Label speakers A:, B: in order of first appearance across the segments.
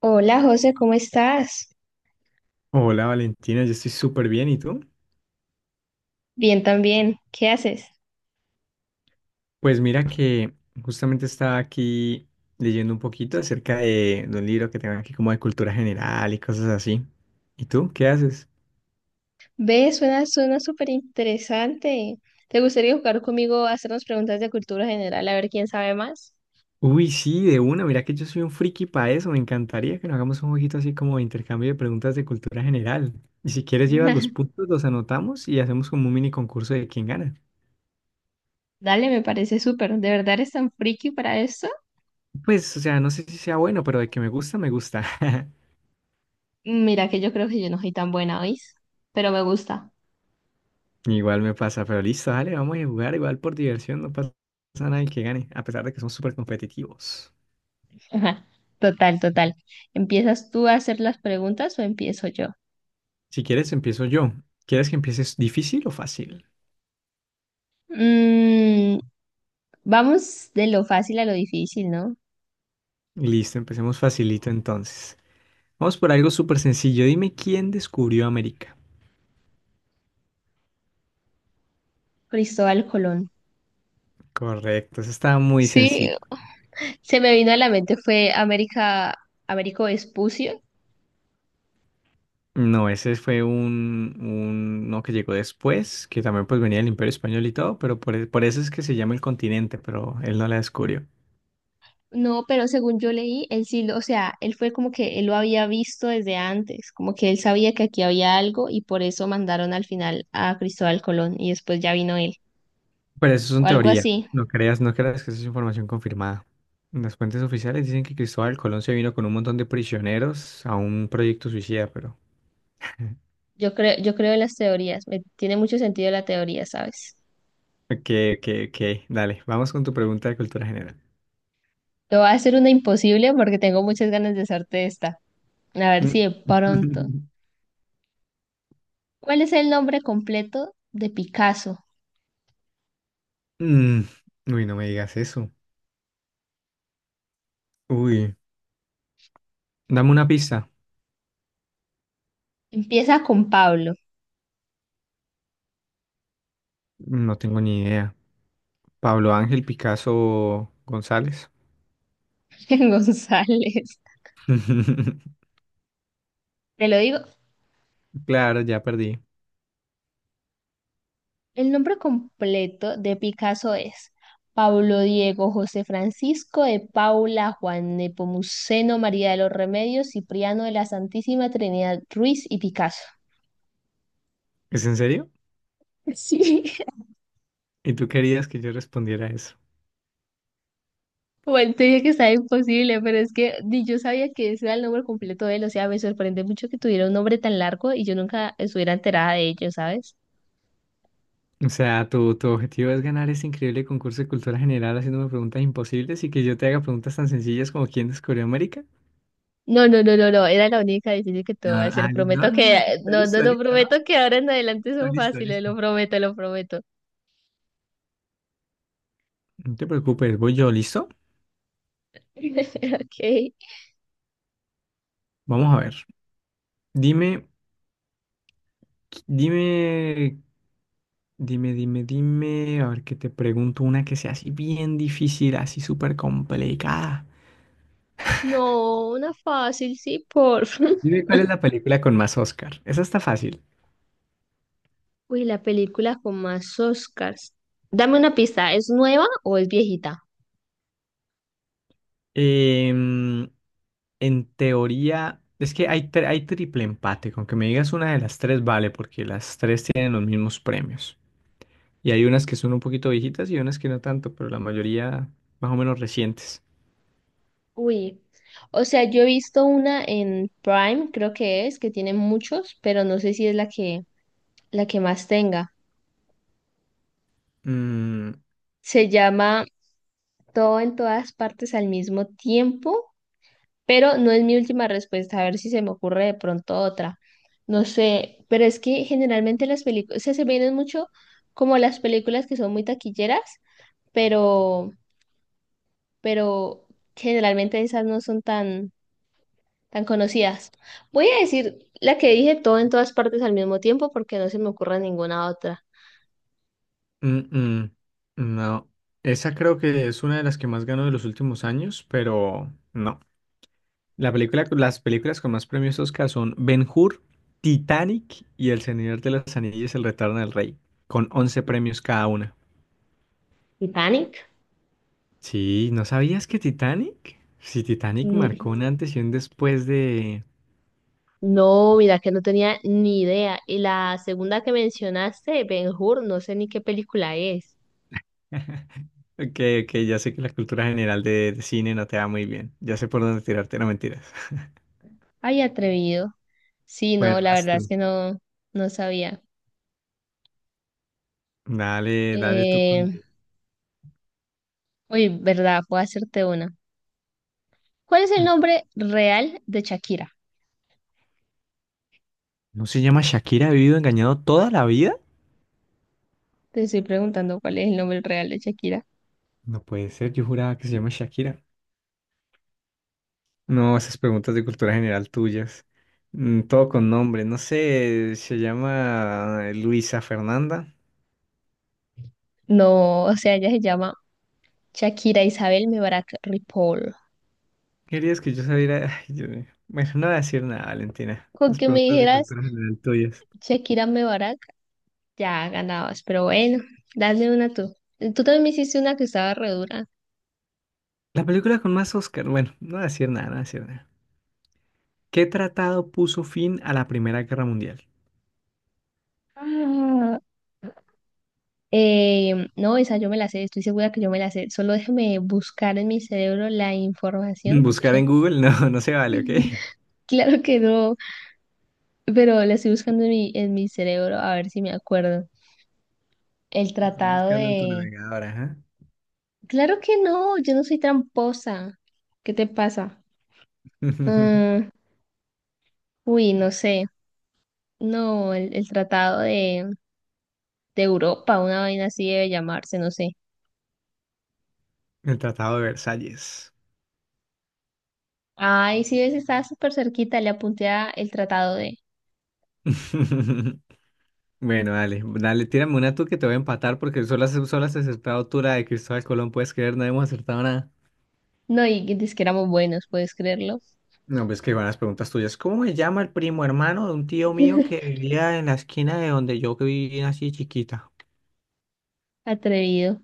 A: Hola José, ¿cómo estás?
B: Hola Valentina, yo estoy súper bien. ¿Y tú?
A: Bien también, ¿qué haces?
B: Pues mira que justamente estaba aquí leyendo un poquito acerca de un libro que tengo aquí como de cultura general y cosas así. ¿Y tú? ¿Qué haces?
A: Ve, suena súper interesante. ¿Te gustaría jugar conmigo a hacernos preguntas de cultura general a ver quién sabe más?
B: Uy, sí, de una. Mira que yo soy un friki para eso. Me encantaría que nos hagamos un jueguito así como de intercambio de preguntas de cultura general. Y si quieres llevas los puntos, los anotamos y hacemos como un mini concurso de quién gana.
A: Dale, me parece súper. ¿De verdad eres tan friki para esto?
B: Pues, o sea, no sé si sea bueno, pero de que me gusta, me gusta.
A: Mira que yo creo que yo no soy tan buena, ¿oís? Pero me gusta.
B: Igual me pasa, pero listo, dale, vamos a jugar igual por diversión, no pasa nada el que gane, a pesar de que son súper competitivos.
A: Ajá. Total, total. ¿Empiezas tú a hacer las preguntas o empiezo yo?
B: Si quieres, empiezo yo. ¿Quieres que empieces difícil o fácil?
A: Mm, vamos de lo fácil a lo difícil, ¿no?
B: Listo, empecemos facilito entonces. Vamos por algo súper sencillo. Dime quién descubrió América.
A: Cristóbal Colón.
B: Correcto, eso estaba muy
A: Sí,
B: sencillo.
A: se me vino a la mente fue América, Américo Vespucio.
B: No, ese fue uno que llegó después, que también pues venía del Imperio Español y todo, pero por eso es que se llama el continente, pero él no la descubrió.
A: No, pero según yo leí, él sí, o sea, él fue como que él lo había visto desde antes, como que él sabía que aquí había algo y por eso mandaron al final a Cristóbal Colón y después ya vino él,
B: Pero eso
A: o
B: son
A: algo
B: teorías.
A: así.
B: No creas, no creas que eso es información confirmada. Las fuentes oficiales dicen que Cristóbal Colón se vino con un montón de prisioneros a un proyecto suicida, pero...
A: Yo creo en las teorías, me tiene mucho sentido la teoría, ¿sabes?
B: Ok, ok, ok. Dale, vamos con tu pregunta de cultura general.
A: Te voy a hacer una imposible porque tengo muchas ganas de hacerte esta. A ver si
B: Mm.
A: de pronto. ¿Cuál es el nombre completo de Picasso?
B: Mm. Uy, no me digas eso. Uy, dame una pista.
A: Empieza con Pablo.
B: No tengo ni idea. Pablo Ángel Picasso González.
A: González. Te lo digo,
B: Claro, ya perdí.
A: el nombre completo de Picasso es Pablo Diego José Francisco de Paula Juan Nepomuceno María de los Remedios Cipriano de la Santísima Trinidad Ruiz y Picasso.
B: ¿Es en serio?
A: Sí,
B: ¿Y tú querías que yo respondiera a eso?
A: bueno, te dije que estaba imposible, pero es que ni yo sabía que ese era el nombre completo de él, o sea, me sorprende mucho que tuviera un nombre tan largo y yo nunca estuviera enterada de ello, ¿sabes?
B: O sea, tu objetivo es ganar ese increíble concurso de cultura general haciéndome preguntas imposibles y que yo te haga preguntas tan sencillas como ¿quién descubrió América?
A: No, no, no, no, no, era la única difícil que te voy a
B: No, no, ah,
A: hacer,
B: no,
A: prometo
B: no, no,
A: que,
B: está
A: no, no,
B: listo,
A: no,
B: listo, ¿no?
A: prometo que ahora en adelante
B: Está
A: son
B: listo,
A: fáciles,
B: listo.
A: lo prometo, lo prometo.
B: No te preocupes, voy yo, ¿listo?
A: Ok.
B: Vamos a ver. Dime, qui- dime, dime, a ver que te pregunto una que sea así bien difícil, así súper complicada.
A: No, una fácil, sí, por.
B: Dime cuál es la película con más Oscar. Esa está fácil.
A: Uy, la película con más Oscars. Dame una pista, ¿es nueva o es viejita?
B: Em, En teoría, es que hay triple empate. Con que me digas una de las tres, vale, porque las tres tienen los mismos premios. Y hay unas que son un poquito viejitas y unas que no tanto, pero la mayoría más o menos recientes.
A: Uy, o sea, yo he visto una en Prime, creo que es, que tiene muchos, pero no sé si es la que más tenga.
B: Mm,
A: Se llama Todo en todas partes al mismo tiempo, pero no es mi última respuesta, a ver si se me ocurre de pronto otra. No sé, pero es que generalmente las películas, o sea, se vienen mucho como las películas que son muy taquilleras, pero, pero generalmente esas no son tan, tan conocidas. Voy a decir la que dije Todo en todas partes al mismo tiempo porque no se me ocurre ninguna otra.
B: mm, mm, no, esa creo que es una de las que más ganó de los últimos años, pero no. Las películas con más premios Oscar son Ben-Hur, Titanic y El Señor de las Anillas, El Retorno del Rey, con 11 premios cada una.
A: Titanic.
B: Sí, ¿no sabías que Titanic? Sí, Titanic
A: Mm,
B: marcó un antes y un después de...
A: No, mira que no tenía ni idea. Y la segunda que mencionaste, Ben-Hur, no sé ni qué película es.
B: Ok, ok, ya sé que la cultura general de cine no te va muy bien. Ya sé por dónde tirarte, no mentiras.
A: Ay, atrevido. Sí,
B: Bueno,
A: no, la
B: vas
A: verdad es
B: tú.
A: que no, no sabía.
B: Dale, dale tú con...
A: Eh, uy, verdad, puedo hacerte una. ¿Cuál es el nombre real de Shakira?
B: ¿No se llama Shakira? ¿Ha vivido engañado toda la vida?
A: Te estoy preguntando cuál es el nombre real de Shakira.
B: No puede ser, yo juraba que se llama Shakira. No, esas preguntas de cultura general tuyas. Mm, todo con nombre, no sé, se llama Luisa Fernanda.
A: No, o sea, ella se llama Shakira Isabel Mebarak Ripoll.
B: Querías que yo saliera. Ay, Dios mío. Bueno, no voy a decir nada, Valentina.
A: Con
B: Las
A: que me
B: preguntas de
A: dijeras
B: cultura general tuyas.
A: Shakira Mebarak, ya ganabas, pero bueno, dale una tú. Tú también me hiciste una que estaba re dura.
B: La película con más Oscar. Bueno, no voy a decir nada, no voy a decir nada. ¿Qué tratado puso fin a la Primera Guerra Mundial?
A: Ah, no, esa yo me la sé, estoy segura que yo me la sé. Solo déjame buscar en mi cerebro la información
B: Buscar en
A: porque
B: Google, no, no se vale, ¿ok?
A: claro que no, pero la estoy buscando en en mi cerebro a ver si me acuerdo. El
B: Lo Estoy
A: tratado
B: buscando en tu
A: de...
B: navegador, ajá.
A: Claro que no, yo no soy tramposa. ¿Qué te pasa? Ah, uy, no sé. No, el tratado de Europa, una vaina así debe llamarse, no sé.
B: El Tratado de Versalles.
A: Ay, sí, ves, estaba súper cerquita, le apunté a el tratado de...
B: Bueno, dale, dale, tírame una tú que te voy a empatar porque solo has acertado tú la de Cristóbal Colón, puedes creer, no hemos acertado.
A: No, y dice que éramos buenos, ¿puedes creerlo?
B: No, pues que van las preguntas tuyas. ¿Cómo me llama el primo hermano de un tío mío que vivía en la esquina de donde yo vivía así chiquita?
A: Atrevido.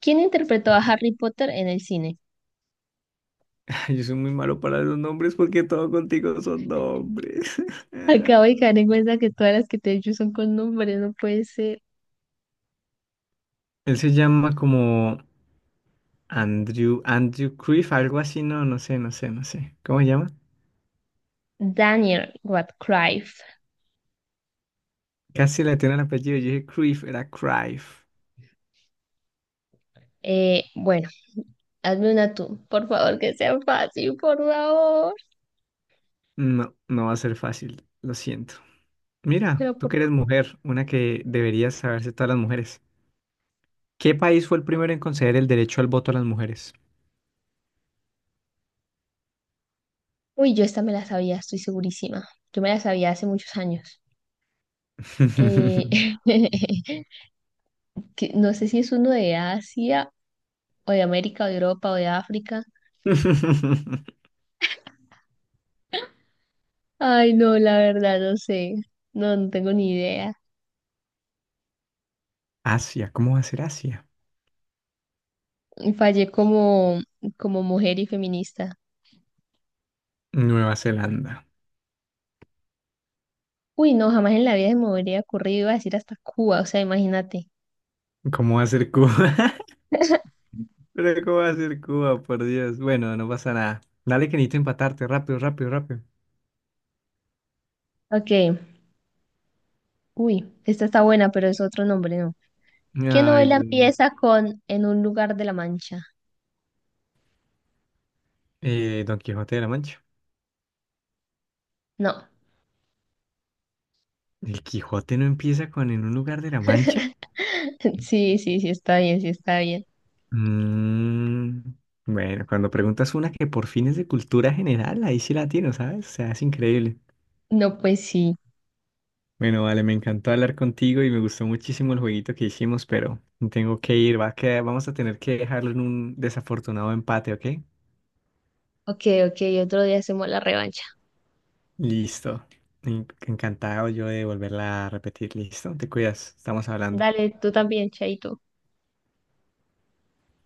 A: ¿Quién interpretó a Harry Potter en el cine?
B: Yo soy muy malo para los nombres porque todo contigo son nombres.
A: Acabo de caer en cuenta que todas las que te he dicho son con nombres, no puede ser.
B: Él se llama como Andrew Cruyff, algo así, no, no sé, no sé, no sé. ¿Cómo se llama?
A: Daniel Radcliffe.
B: Casi le tiene el apellido, yo dije Cruyff, era Cruyff.
A: Bueno, hazme una tú, por favor, que sea fácil, por favor.
B: No, no va a ser fácil, lo siento. Mira,
A: Pero
B: tú
A: por...
B: que eres mujer, una que deberías saberse todas las mujeres. ¿Qué país fue el primero en conceder el derecho al voto a las mujeres?
A: Uy, yo esta me la sabía, estoy segurísima. Yo me la sabía hace muchos años. Eh, que no sé si es uno de Asia o de América o de Europa o de África. Ay, no, la verdad, no sé. No, no tengo ni idea.
B: Asia, ¿cómo va a ser Asia?
A: Fallé como, como mujer y feminista.
B: Nueva Zelanda.
A: Uy, no, jamás en la vida se me hubiera ocurrido, iba a decir hasta Cuba, o sea, imagínate.
B: ¿Cómo va a ser Cuba? Pero ¿cómo va a ser Cuba? Por Dios. Bueno, no pasa nada. Dale que necesito empatarte. Rápido, rápido, rápido.
A: Ok, uy, esta está buena, pero es otro nombre, ¿no? ¿Qué
B: Ay,
A: novela
B: Dios mío.
A: empieza con En un lugar de la Mancha?
B: Don Quijote de la Mancha.
A: No,
B: ¿El Quijote no empieza con en un lugar de la Mancha?
A: sí, sí, sí, está bien, sí, está bien.
B: Mm, bueno, cuando preguntas una que por fines de cultura general, ahí sí la tiene, ¿sabes? O sea, es increíble.
A: No, pues sí.
B: Bueno, vale, me encantó hablar contigo y me gustó muchísimo el jueguito que hicimos, pero tengo que ir, va a quedar- vamos a tener que dejarlo en un desafortunado empate, ¿ok?
A: Ok, ok, otro día hacemos la revancha.
B: Listo. En- Encantado yo de volverla a repetir, listo. Te cuidas, estamos hablando.
A: Dale, tú también, Chaito.